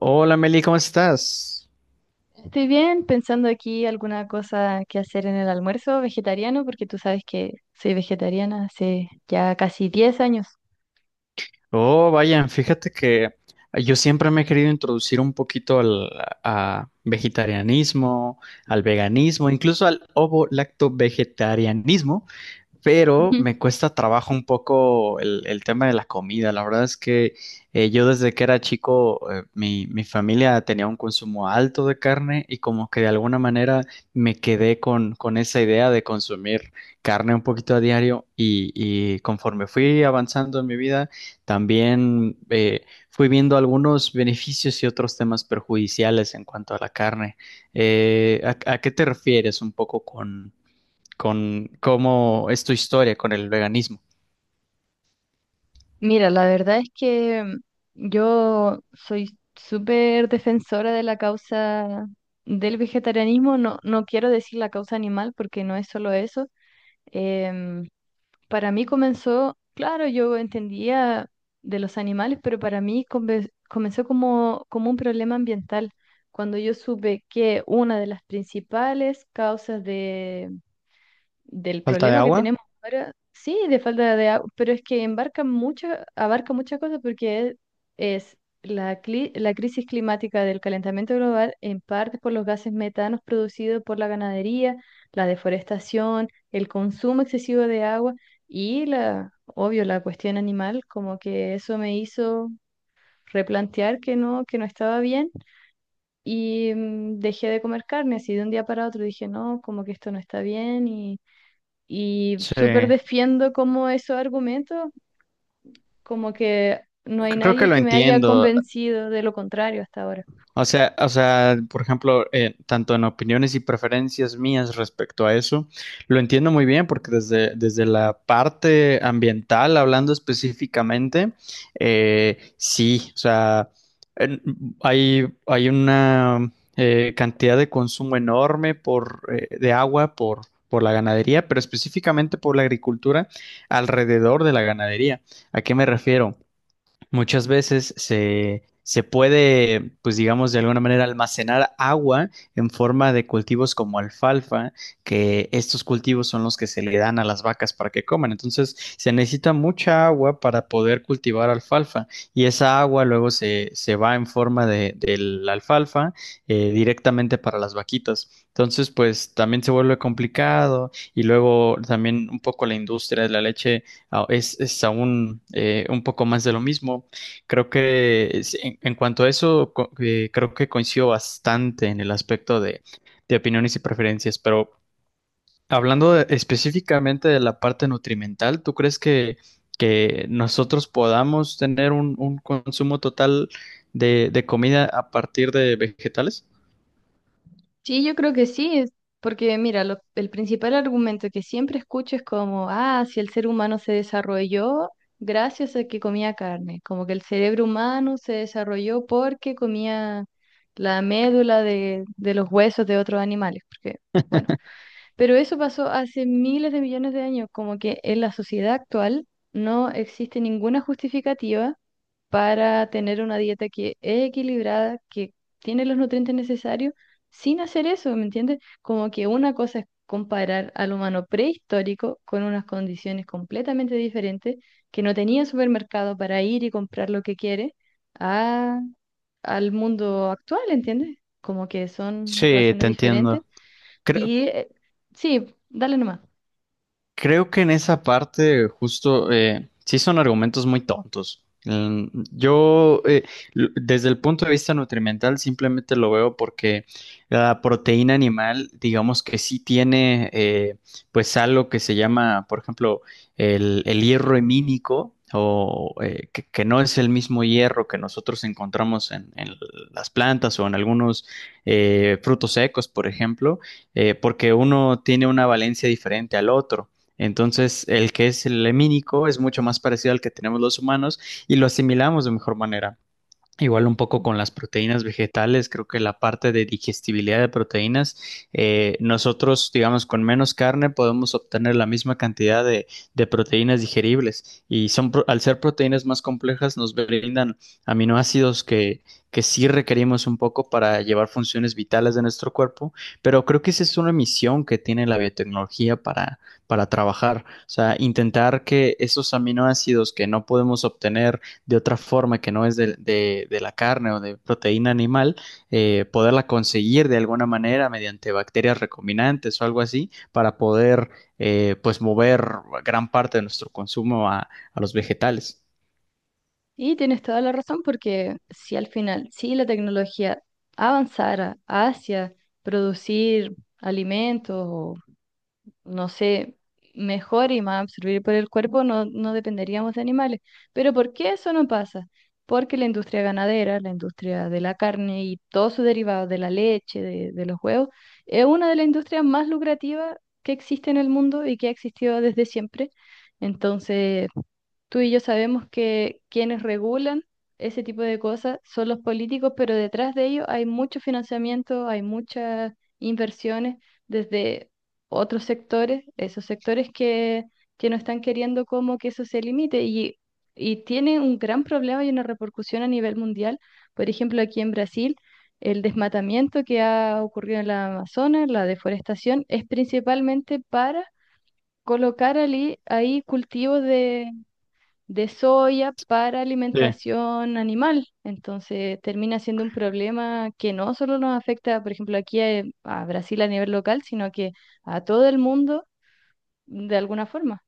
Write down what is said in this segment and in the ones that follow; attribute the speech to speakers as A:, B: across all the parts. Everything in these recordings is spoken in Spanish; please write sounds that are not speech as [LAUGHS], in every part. A: Hola Meli, ¿cómo estás?
B: Estoy bien pensando aquí alguna cosa que hacer en el almuerzo vegetariano, porque tú sabes que soy vegetariana hace ya casi 10 años.
A: Oh, vayan, fíjate que yo siempre me he querido introducir un poquito al a vegetarianismo, al veganismo, incluso al ovo-lacto-vegetarianismo, pero
B: Ujú. [LAUGHS]
A: me cuesta trabajo un poco el tema de la comida. La verdad es que yo desde que era chico, mi familia tenía un consumo alto de carne y como que de alguna manera me quedé con esa idea de consumir carne un poquito a diario y conforme fui avanzando en mi vida, también fui viendo algunos beneficios y otros temas perjudiciales en cuanto a la carne. A qué te refieres un poco con cómo es tu historia con el veganismo?
B: Mira, la verdad es que yo soy súper defensora de la causa del vegetarianismo. No, no quiero decir la causa animal porque no es solo eso. Em, Para mí comenzó, claro, yo entendía de los animales, pero para mí comenzó como, como un problema ambiental, cuando yo supe que una de las principales causas del
A: Falta de
B: problema que
A: agua.
B: tenemos ahora, sí, de falta de agua, pero es que embarca mucha, abarca muchas cosas porque es, la crisis climática del calentamiento global, en parte por los gases metanos producidos por la ganadería, la deforestación, el consumo excesivo de agua y la, obvio, la cuestión animal, como que eso me hizo replantear que no estaba bien y dejé de comer carne así de un día para otro, dije, no, como que esto no está bien y
A: Sí,
B: súper
A: creo
B: defiendo como esos argumentos, como que no hay
A: que
B: nadie
A: lo
B: que me haya
A: entiendo.
B: convencido de lo contrario hasta ahora.
A: O sea, por ejemplo, tanto en opiniones y preferencias mías respecto a eso, lo entiendo muy bien porque desde la parte ambiental, hablando específicamente, sí, o sea, en- hay una cantidad de consumo enorme de agua por la ganadería, pero específicamente por la agricultura alrededor de la ganadería. ¿A qué me refiero? Muchas veces se puede, pues digamos, de alguna manera almacenar agua en forma de cultivos como alfalfa, que estos cultivos son los que se le dan a las vacas para que coman. Entonces, se necesita mucha agua para poder cultivar alfalfa y esa agua luego se va en forma de la alfalfa directamente para las vaquitas. Entonces, pues también se vuelve complicado y luego también un poco la industria de la leche. Ah, es aún un poco más de lo mismo. Creo que en cuanto a eso, creo que coincido bastante en el aspecto de opiniones y preferencias, pero específicamente de la parte nutrimental, ¿tú crees que nosotros podamos tener un consumo total de comida a partir de vegetales?
B: Sí, yo creo que sí, porque mira, el principal argumento que siempre escucho es como, ah, si el ser humano se desarrolló gracias a que comía carne, como que el cerebro humano se desarrolló porque comía la médula de los huesos de otros animales, porque, bueno, pero eso pasó hace miles de millones de años, como que en la sociedad actual no existe ninguna justificativa para tener una dieta que es equilibrada, que tiene los nutrientes necesarios, sin hacer eso, ¿me entiendes? Como que una cosa es comparar al humano prehistórico con unas condiciones completamente diferentes, que no tenía supermercado para ir y comprar lo que quiere, a, al mundo actual, ¿entiendes? Como que son
A: Sí,
B: razones
A: te
B: diferentes
A: entiendo. creo
B: y sí, dale nomás.
A: Creo que en esa parte justo sí son argumentos muy tontos. Yo desde el punto de vista nutrimental simplemente lo veo porque la proteína animal, digamos que sí tiene pues algo que se llama, por ejemplo, el hierro hemínico que no es el mismo hierro que nosotros encontramos en las plantas o en algunos frutos secos, por ejemplo, porque uno tiene una valencia diferente al otro. Entonces, el que es el lemínico es mucho más parecido al que tenemos los humanos y lo asimilamos de mejor manera. Igual un poco con las proteínas vegetales, creo que la parte de digestibilidad de proteínas, nosotros, digamos, con menos carne podemos obtener la misma cantidad de proteínas digeribles y son, al ser proteínas más complejas nos brindan aminoácidos que sí requerimos un poco para llevar funciones vitales de nuestro cuerpo, pero creo que esa es una misión que tiene la biotecnología para trabajar, o sea, intentar que esos aminoácidos que no podemos obtener de otra forma que no es de la carne o de proteína animal, poderla conseguir de alguna manera mediante bacterias recombinantes o algo así para poder pues mover gran parte de nuestro consumo a los vegetales.
B: Y tienes toda la razón porque si al final, si la tecnología avanzara hacia producir alimentos o, no sé, mejor y más absorbido por el cuerpo, no, no dependeríamos de animales. Pero ¿por qué eso no pasa? Porque la industria ganadera, la industria de la carne y todos sus derivados de la leche, de los huevos, es una de las industrias más lucrativas que existe en el mundo y que ha existido desde siempre. Entonces tú y yo sabemos que quienes regulan ese tipo de cosas son los políticos, pero detrás de ellos hay mucho financiamiento, hay muchas inversiones desde otros sectores, esos sectores que no están queriendo como que eso se limite y tiene un gran problema y una repercusión a nivel mundial. Por ejemplo, aquí en Brasil, el desmatamiento que ha ocurrido en la Amazonas, la deforestación, es principalmente para colocar ahí cultivos de soya para
A: Sí.
B: alimentación animal. Entonces termina siendo un problema que no solo nos afecta, por ejemplo, aquí a Brasil a nivel local, sino que a todo el mundo de alguna forma.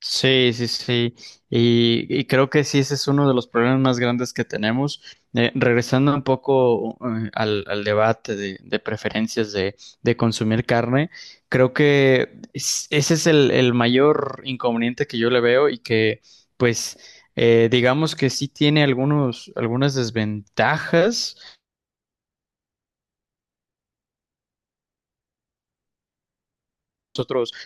A: Sí, sí, sí. Y creo que sí, ese es uno de los problemas más grandes que tenemos. Regresando un poco al debate de preferencias de consumir carne, creo que ese es el mayor inconveniente que yo le veo y que, pues, digamos que sí tiene algunas desventajas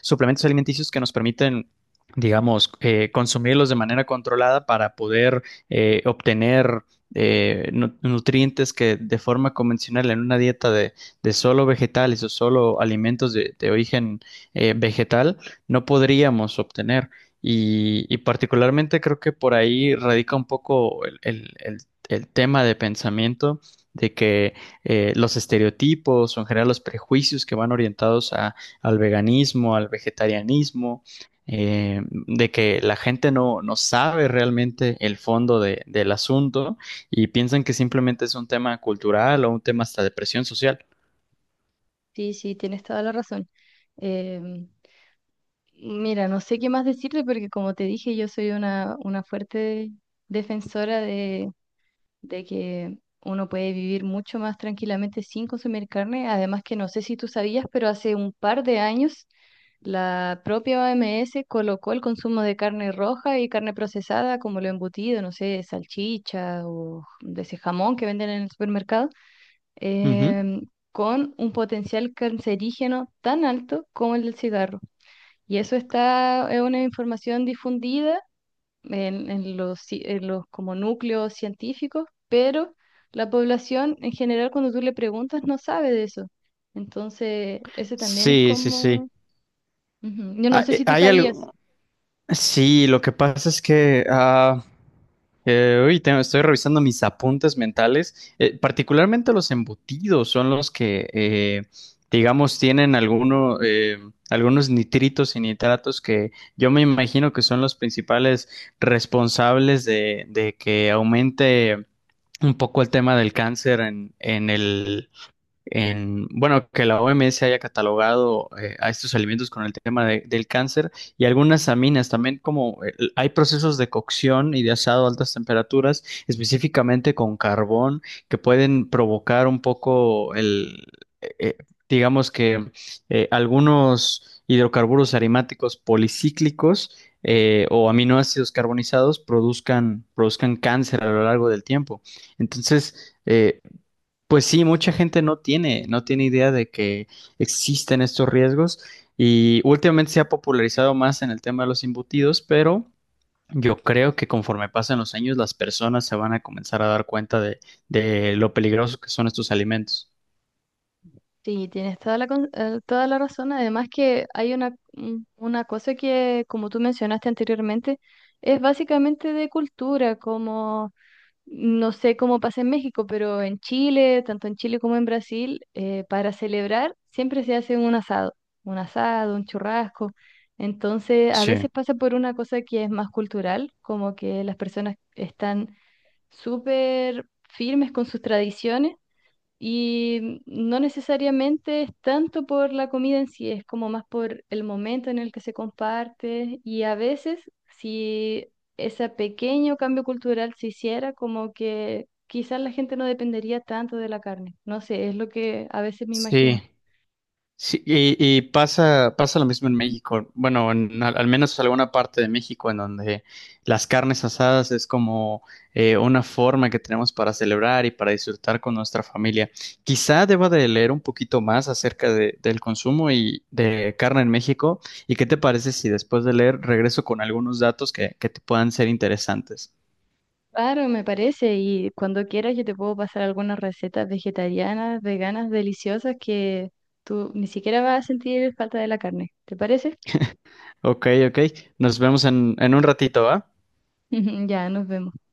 A: suplementos alimenticios que nos permiten digamos, consumirlos de manera controlada para poder obtener nutrientes que de forma convencional en una dieta de solo vegetales o solo alimentos de origen vegetal no podríamos obtener. Y particularmente creo que por ahí radica un poco el tema de pensamiento de que los estereotipos o en general los prejuicios que van orientados a al veganismo, al vegetarianismo, de que la gente no sabe realmente el fondo del asunto y piensan que simplemente es un tema cultural o un tema hasta de presión social.
B: Sí, sí, tienes toda la razón. Em, mira, no sé qué más decirte porque como te dije, yo soy una fuerte defensora de que uno puede vivir mucho más tranquilamente sin consumir carne. Además que no sé si tú sabías, pero hace un par de años la propia OMS colocó el consumo de carne roja y carne procesada, como lo embutido, no sé, salchicha o de ese jamón que venden en el supermercado,
A: Ujú.
B: em, con un potencial cancerígeno tan alto como el del cigarro. Y eso está, es una información difundida en los, en los como núcleos científicos, pero la población en general cuando tú le preguntas no sabe de eso. Entonces, ese también es
A: Sí, sí,
B: como...
A: sí.
B: Ujú. Yo no sé si tú
A: Hay
B: sabías.
A: algo. Sí, lo que pasa es que estoy revisando mis apuntes mentales. Particularmente los embutidos son los que, digamos, tienen alguno, algunos nitritos y nitratos que yo me imagino que son los principales responsables de que aumente un poco el tema del cáncer bueno, que la OMS haya catalogado a estos alimentos con el tema del cáncer y algunas aminas también como hay procesos de cocción y de asado a altas temperaturas, específicamente con carbón, que pueden provocar un poco eh, eh, digamos que algunos hidrocarburos aromáticos policíclicos o aminoácidos carbonizados produzcan, cáncer a lo largo del tiempo. Entonces, pues sí, mucha gente no tiene idea de que existen estos riesgos y últimamente se ha popularizado más en el tema de los embutidos, pero yo creo que conforme pasan los años las personas se van a comenzar a dar cuenta de lo peligrosos que son estos alimentos.
B: Sí, tienes toda la, toda la razón. Además que hay una, una cosa que, como tú mencionaste anteriormente, es básicamente de cultura, como no sé cómo pasa en México, pero en Chile, tanto en Chile como en Brasil, para celebrar siempre se hace un asado, un asado, un churrasco. Entonces, a
A: Sí,
B: veces pasa por una cosa que es más cultural, como que las personas están súper firmes con sus tradiciones y no necesariamente es tanto por la comida en sí, es como más por el momento en el que se comparte. Y a veces, si ese pequeño cambio cultural se hiciera, como que quizás la gente no dependería tanto de la carne. No sé, es lo que a veces me imagino.
A: sí. Sí, y pasa, pasa lo mismo en México. Bueno, en al menos alguna parte de México en donde las carnes asadas es como una forma que tenemos para celebrar y para disfrutar con nuestra familia. Quizá deba de leer un poquito más acerca del consumo y de carne en México. ¿Y qué te parece si después de leer regreso con algunos datos que te puedan ser interesantes?
B: Claro, me parece. Y cuando quieras, yo te puedo pasar algunas recetas vegetarianas, veganas, deliciosas que tú ni siquiera vas a sentir falta de la carne. ¿Te parece?
A: Ok, ok. Nos vemos en un ratito, ¿va?
B: [LAUGHS] Ya, nos vemos.